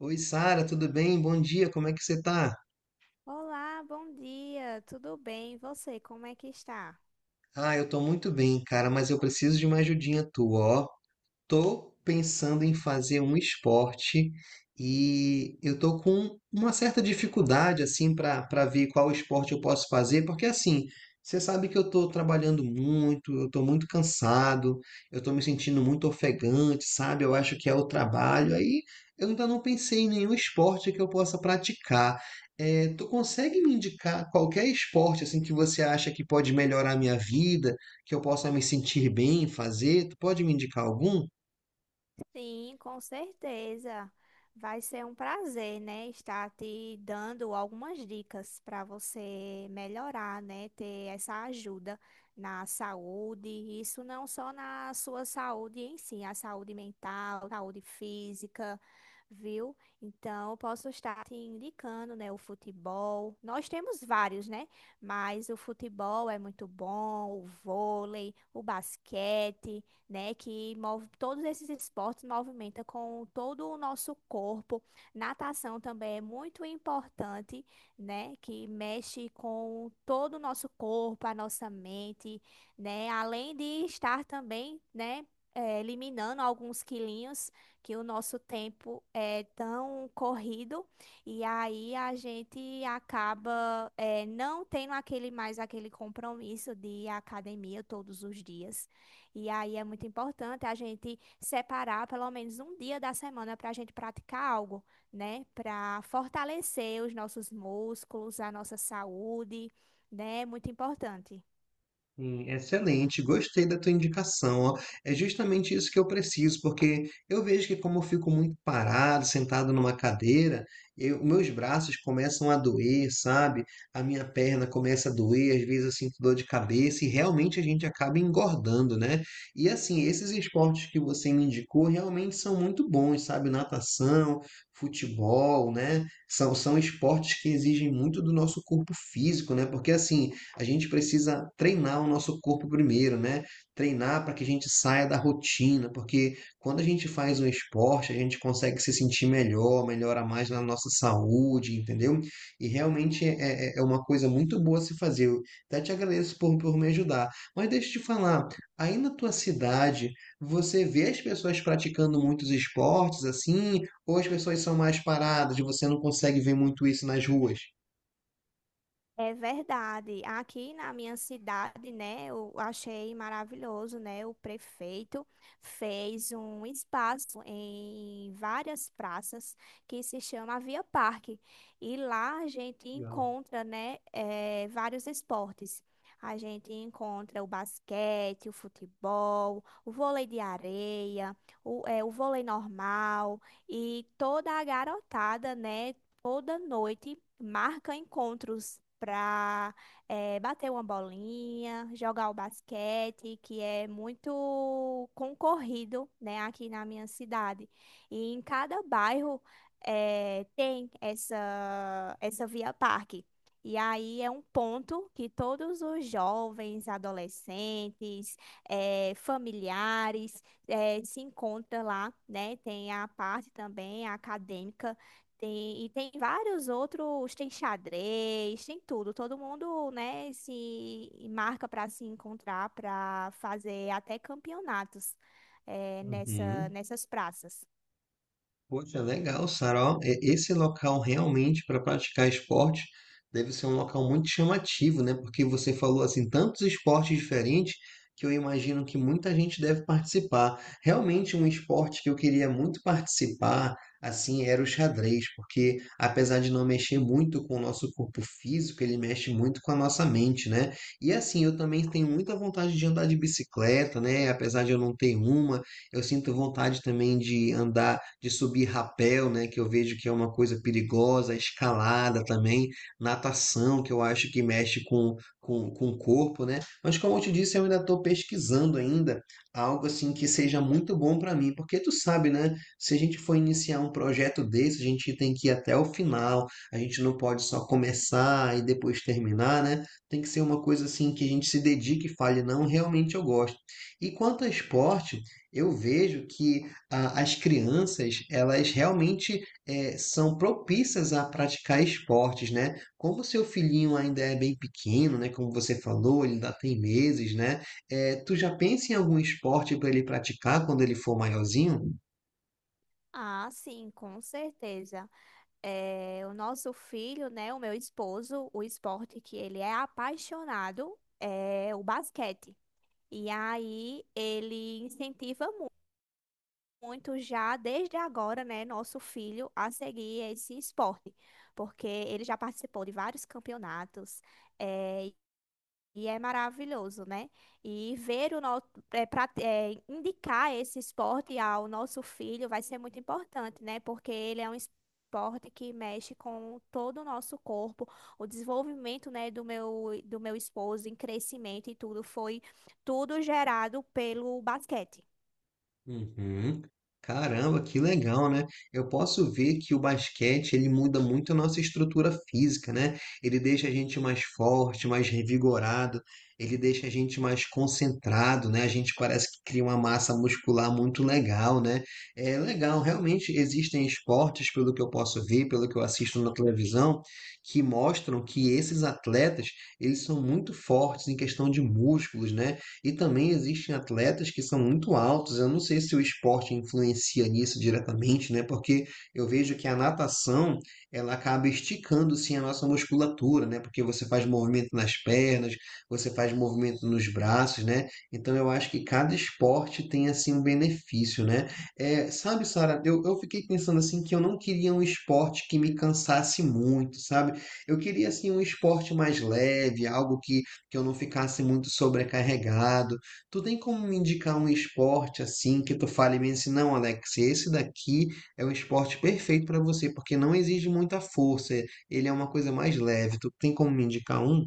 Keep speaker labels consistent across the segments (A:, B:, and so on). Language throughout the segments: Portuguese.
A: Oi, Sara, tudo bem? Bom dia, como é que você tá?
B: Olá, bom dia, tudo bem? E você, como é que está?
A: Ah, eu tô muito bem, cara, mas eu preciso de uma ajudinha tua, ó. Tô pensando em fazer um esporte e eu tô com uma certa dificuldade assim para ver qual esporte eu posso fazer, porque assim, você sabe que eu tô trabalhando muito, eu tô muito cansado, eu tô me sentindo muito ofegante, sabe? Eu acho que é o trabalho. Aí eu ainda não pensei em nenhum esporte que eu possa praticar. Tu consegue me indicar qualquer esporte assim que você acha que pode melhorar a minha vida, que eu possa me sentir bem em fazer? Tu pode me indicar algum?
B: Sim, com certeza. Vai ser um prazer, né, estar te dando algumas dicas para você melhorar, né, ter essa ajuda na saúde, isso não só na sua saúde em si, a saúde mental, saúde física, viu? Então, eu posso estar te indicando, né, o futebol. Nós temos vários, né? Mas o futebol é muito bom, o vôlei, o basquete, né? Que move todos esses esportes, movimenta com todo o nosso corpo. Natação também é muito importante, né? Que mexe com todo o nosso corpo, a nossa mente, né? Além de estar também, né, eliminando alguns quilinhos, que o nosso tempo é tão corrido e aí a gente acaba, não tendo aquele mais aquele compromisso de ir à academia todos os dias. E aí é muito importante a gente separar pelo menos um dia da semana para a gente praticar algo, né? Para fortalecer os nossos músculos, a nossa saúde, né? É muito importante.
A: Excelente, gostei da tua indicação, ó. É justamente isso que eu preciso, porque eu vejo que como eu fico muito parado, sentado numa cadeira, meus braços começam a doer, sabe? A minha perna começa a doer, às vezes eu sinto dor de cabeça e realmente a gente acaba engordando, né? E assim, esses esportes que você me indicou realmente são muito bons, sabe? Natação, futebol, né? São esportes que exigem muito do nosso corpo físico, né? Porque assim, a gente precisa treinar o nosso corpo primeiro, né? Treinar para que a gente saia da rotina, porque quando a gente faz um esporte, a gente consegue se sentir melhor, melhora mais na nossa saúde, entendeu? E realmente é uma coisa muito boa se fazer. Eu até te agradeço por me ajudar. Mas deixa eu te falar, aí na tua cidade, você vê as pessoas praticando muitos esportes assim, ou as pessoas são mais paradas, e você não consegue ver muito isso nas ruas?
B: É verdade. Aqui na minha cidade, né, eu achei maravilhoso, né? O prefeito fez um espaço em várias praças que se chama Via Parque. E lá a gente
A: Legal.
B: encontra, né, vários esportes. A gente encontra o basquete, o futebol, o vôlei de areia, o, o vôlei normal, e toda a garotada, né? Toda noite marca encontros para bater uma bolinha, jogar o basquete, que é muito concorrido, né, aqui na minha cidade. E em cada bairro tem essa via parque. E aí é um ponto que todos os jovens, adolescentes, familiares, se encontram lá, né? Tem a parte também acadêmica, tem, e tem vários outros, tem xadrez, tem tudo. Todo mundo, né, se marca para se encontrar, para fazer até campeonatos
A: Uhum.
B: nessas praças.
A: Poxa, legal, Sara. Ó, esse local realmente para praticar esporte deve ser um local muito chamativo, né? Porque você falou assim tantos esportes diferentes que eu imagino que muita gente deve participar. Realmente um esporte que eu queria muito participar, assim, era o xadrez, porque apesar de não mexer muito com o nosso corpo físico, ele mexe muito com a nossa mente, né? E assim, eu também tenho muita vontade de andar de bicicleta, né? Apesar de eu não ter uma, eu sinto vontade também de andar, de subir rapel, né, que eu vejo que é uma coisa perigosa, escalada também, natação, que eu acho que mexe com o corpo, né? Mas como eu te disse, eu ainda estou pesquisando ainda algo assim que seja muito bom para mim, porque tu sabe, né, se a gente for iniciar um projeto desse, a gente tem que ir até o final, a gente não pode só começar e depois terminar, né? Tem que ser uma coisa assim que a gente se dedique e fale, não, realmente eu gosto. E quanto ao esporte, eu vejo que ah, as crianças, elas realmente são propícias a praticar esportes, né? Como o seu filhinho ainda é bem pequeno, né? Como você falou, ele ainda tem meses, né? Tu já pensa em algum esporte para ele praticar quando ele for maiorzinho?
B: Ah, sim, com certeza. O nosso filho, né, o meu esposo, o esporte que ele é apaixonado é o basquete. E aí ele incentiva muito já desde agora, né, nosso filho a seguir esse esporte, porque ele já participou de vários campeonatos, eh, e é maravilhoso, né? E ver o nosso, indicar esse esporte ao nosso filho vai ser muito importante, né? Porque ele é um esporte que mexe com todo o nosso corpo, o desenvolvimento, né, do meu esposo em crescimento e tudo foi tudo gerado pelo basquete.
A: Uhum. Caramba, que legal, né? Eu posso ver que o basquete ele muda muito a nossa estrutura física, né? Ele deixa a gente mais forte, mais revigorado, ele deixa a gente mais concentrado, né? A gente parece que cria uma massa muscular muito legal, né? É legal, realmente existem esportes, pelo que eu posso ver, pelo que eu assisto na televisão, que mostram que esses atletas, eles são muito fortes em questão de músculos, né? E também existem atletas que são muito altos. Eu não sei se o esporte influencia nisso diretamente, né? Porque eu vejo que a natação, ela acaba esticando sim a nossa musculatura, né? Porque você faz movimento nas pernas, você faz movimento nos braços, né? Então eu acho que cada esporte tem assim um benefício, né? É, sabe, Sara, eu fiquei pensando assim que eu não queria um esporte que me cansasse muito, sabe? Eu queria assim um esporte mais leve, algo que eu não ficasse muito sobrecarregado. Tu tem como me indicar um esporte assim que tu fale bem assim, não, Alex, esse daqui é o esporte perfeito para você, porque não exige muita força, ele é uma coisa mais leve. Tu tem como me indicar um?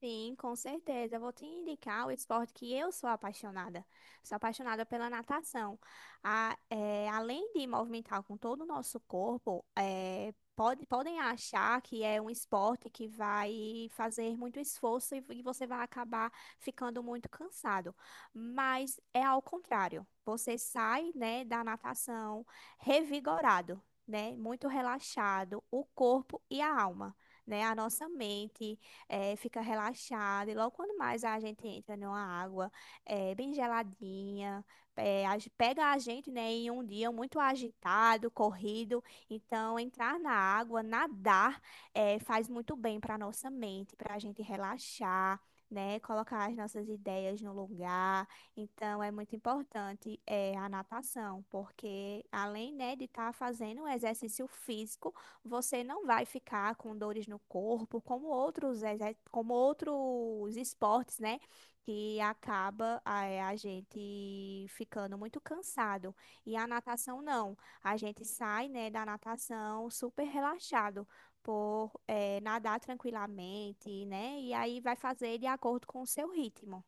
B: Sim, com certeza. Eu vou te indicar o esporte que eu sou apaixonada. Sou apaixonada pela natação. A- é, além de movimentar com todo o nosso corpo, é, pode- podem achar que é um esporte que vai fazer muito esforço e você vai acabar ficando muito cansado. Mas é ao contrário. Você sai, né, da natação revigorado, né, muito relaxado, o corpo e a alma, né, a nossa mente fica relaxada. E logo quando mais a gente entra numa água bem geladinha, a ge- pega a gente, né, em um dia muito agitado, corrido. Então, entrar na água, nadar, faz muito bem para nossa mente, para a gente relaxar. Né, colocar as nossas ideias no lugar. Então, é muito importante é a natação, porque além, né, de estar fazendo um exercício físico, você não vai ficar com dores no corpo, como outros, exer- como outros esportes, né? Que acaba, a gente ficando muito cansado. E a natação não. A gente sai, né, da natação super relaxado por, nadar tranquilamente, né? E aí vai fazer de acordo com o seu ritmo.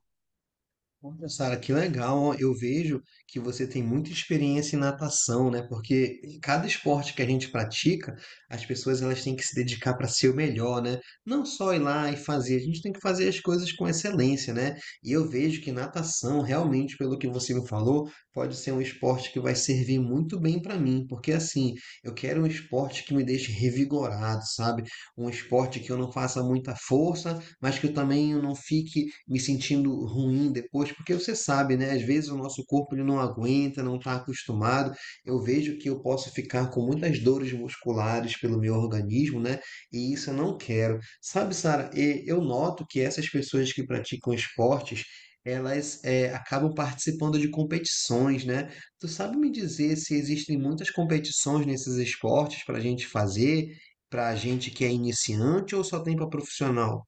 A: Olha, Sara, que legal. Ó. Eu vejo que você tem muita experiência em natação, né? Porque em cada esporte que a gente pratica, as pessoas elas têm que se dedicar para ser o melhor, né? Não só ir lá e fazer, a gente tem que fazer as coisas com excelência, né? E eu vejo que natação, realmente, pelo que você me falou, pode ser um esporte que vai servir muito bem para mim, porque assim, eu quero um esporte que me deixe revigorado, sabe? Um esporte que eu não faça muita força, mas que eu também não fique me sentindo ruim depois, porque você sabe, né? Às vezes o nosso corpo ele não aguenta, não está acostumado. Eu vejo que eu posso ficar com muitas dores musculares pelo meu organismo, né? E isso eu não quero. Sabe, Sara, e eu noto que essas pessoas que praticam esportes, elas acabam participando de competições, né? Tu sabe me dizer se existem muitas competições nesses esportes para a gente fazer, para a gente que é iniciante ou só tem para profissional?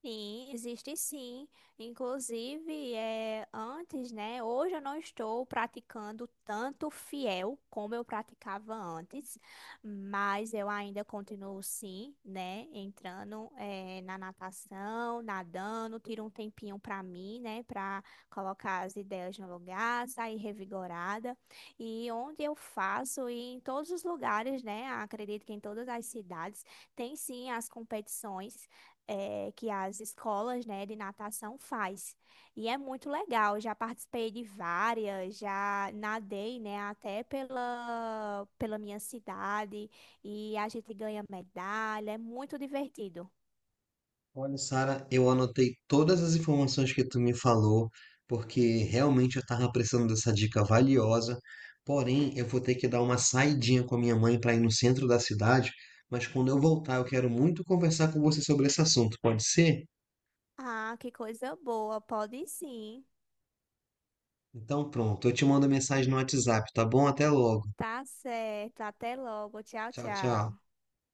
B: Sim, existe sim. Inclusive, é, antes, né? Hoje eu não estou praticando tanto fiel como eu praticava antes, mas eu ainda continuo sim, né? Entrando, é, na natação, nadando, tiro um tempinho para mim, né? Para colocar as ideias no lugar, sair revigorada. E onde eu faço, e em todos os lugares, né? Acredito que em todas as cidades, tem sim as competições que as escolas, né, de natação faz. E é muito legal. Já participei de várias, já nadei, né, até pela, pela minha cidade, e a gente ganha medalha. É muito divertido.
A: Olha, Sara, eu anotei todas as informações que tu me falou, porque realmente eu estava precisando dessa dica valiosa. Porém, eu vou ter que dar uma saidinha com a minha mãe para ir no centro da cidade, mas quando eu voltar, eu quero muito conversar com você sobre esse assunto, pode ser?
B: Ah, que coisa boa. Pode sim.
A: Então, pronto, eu te mando mensagem no WhatsApp, tá bom? Até logo.
B: Tá certo. Até logo. Tchau,
A: Tchau, tchau.
B: tchau.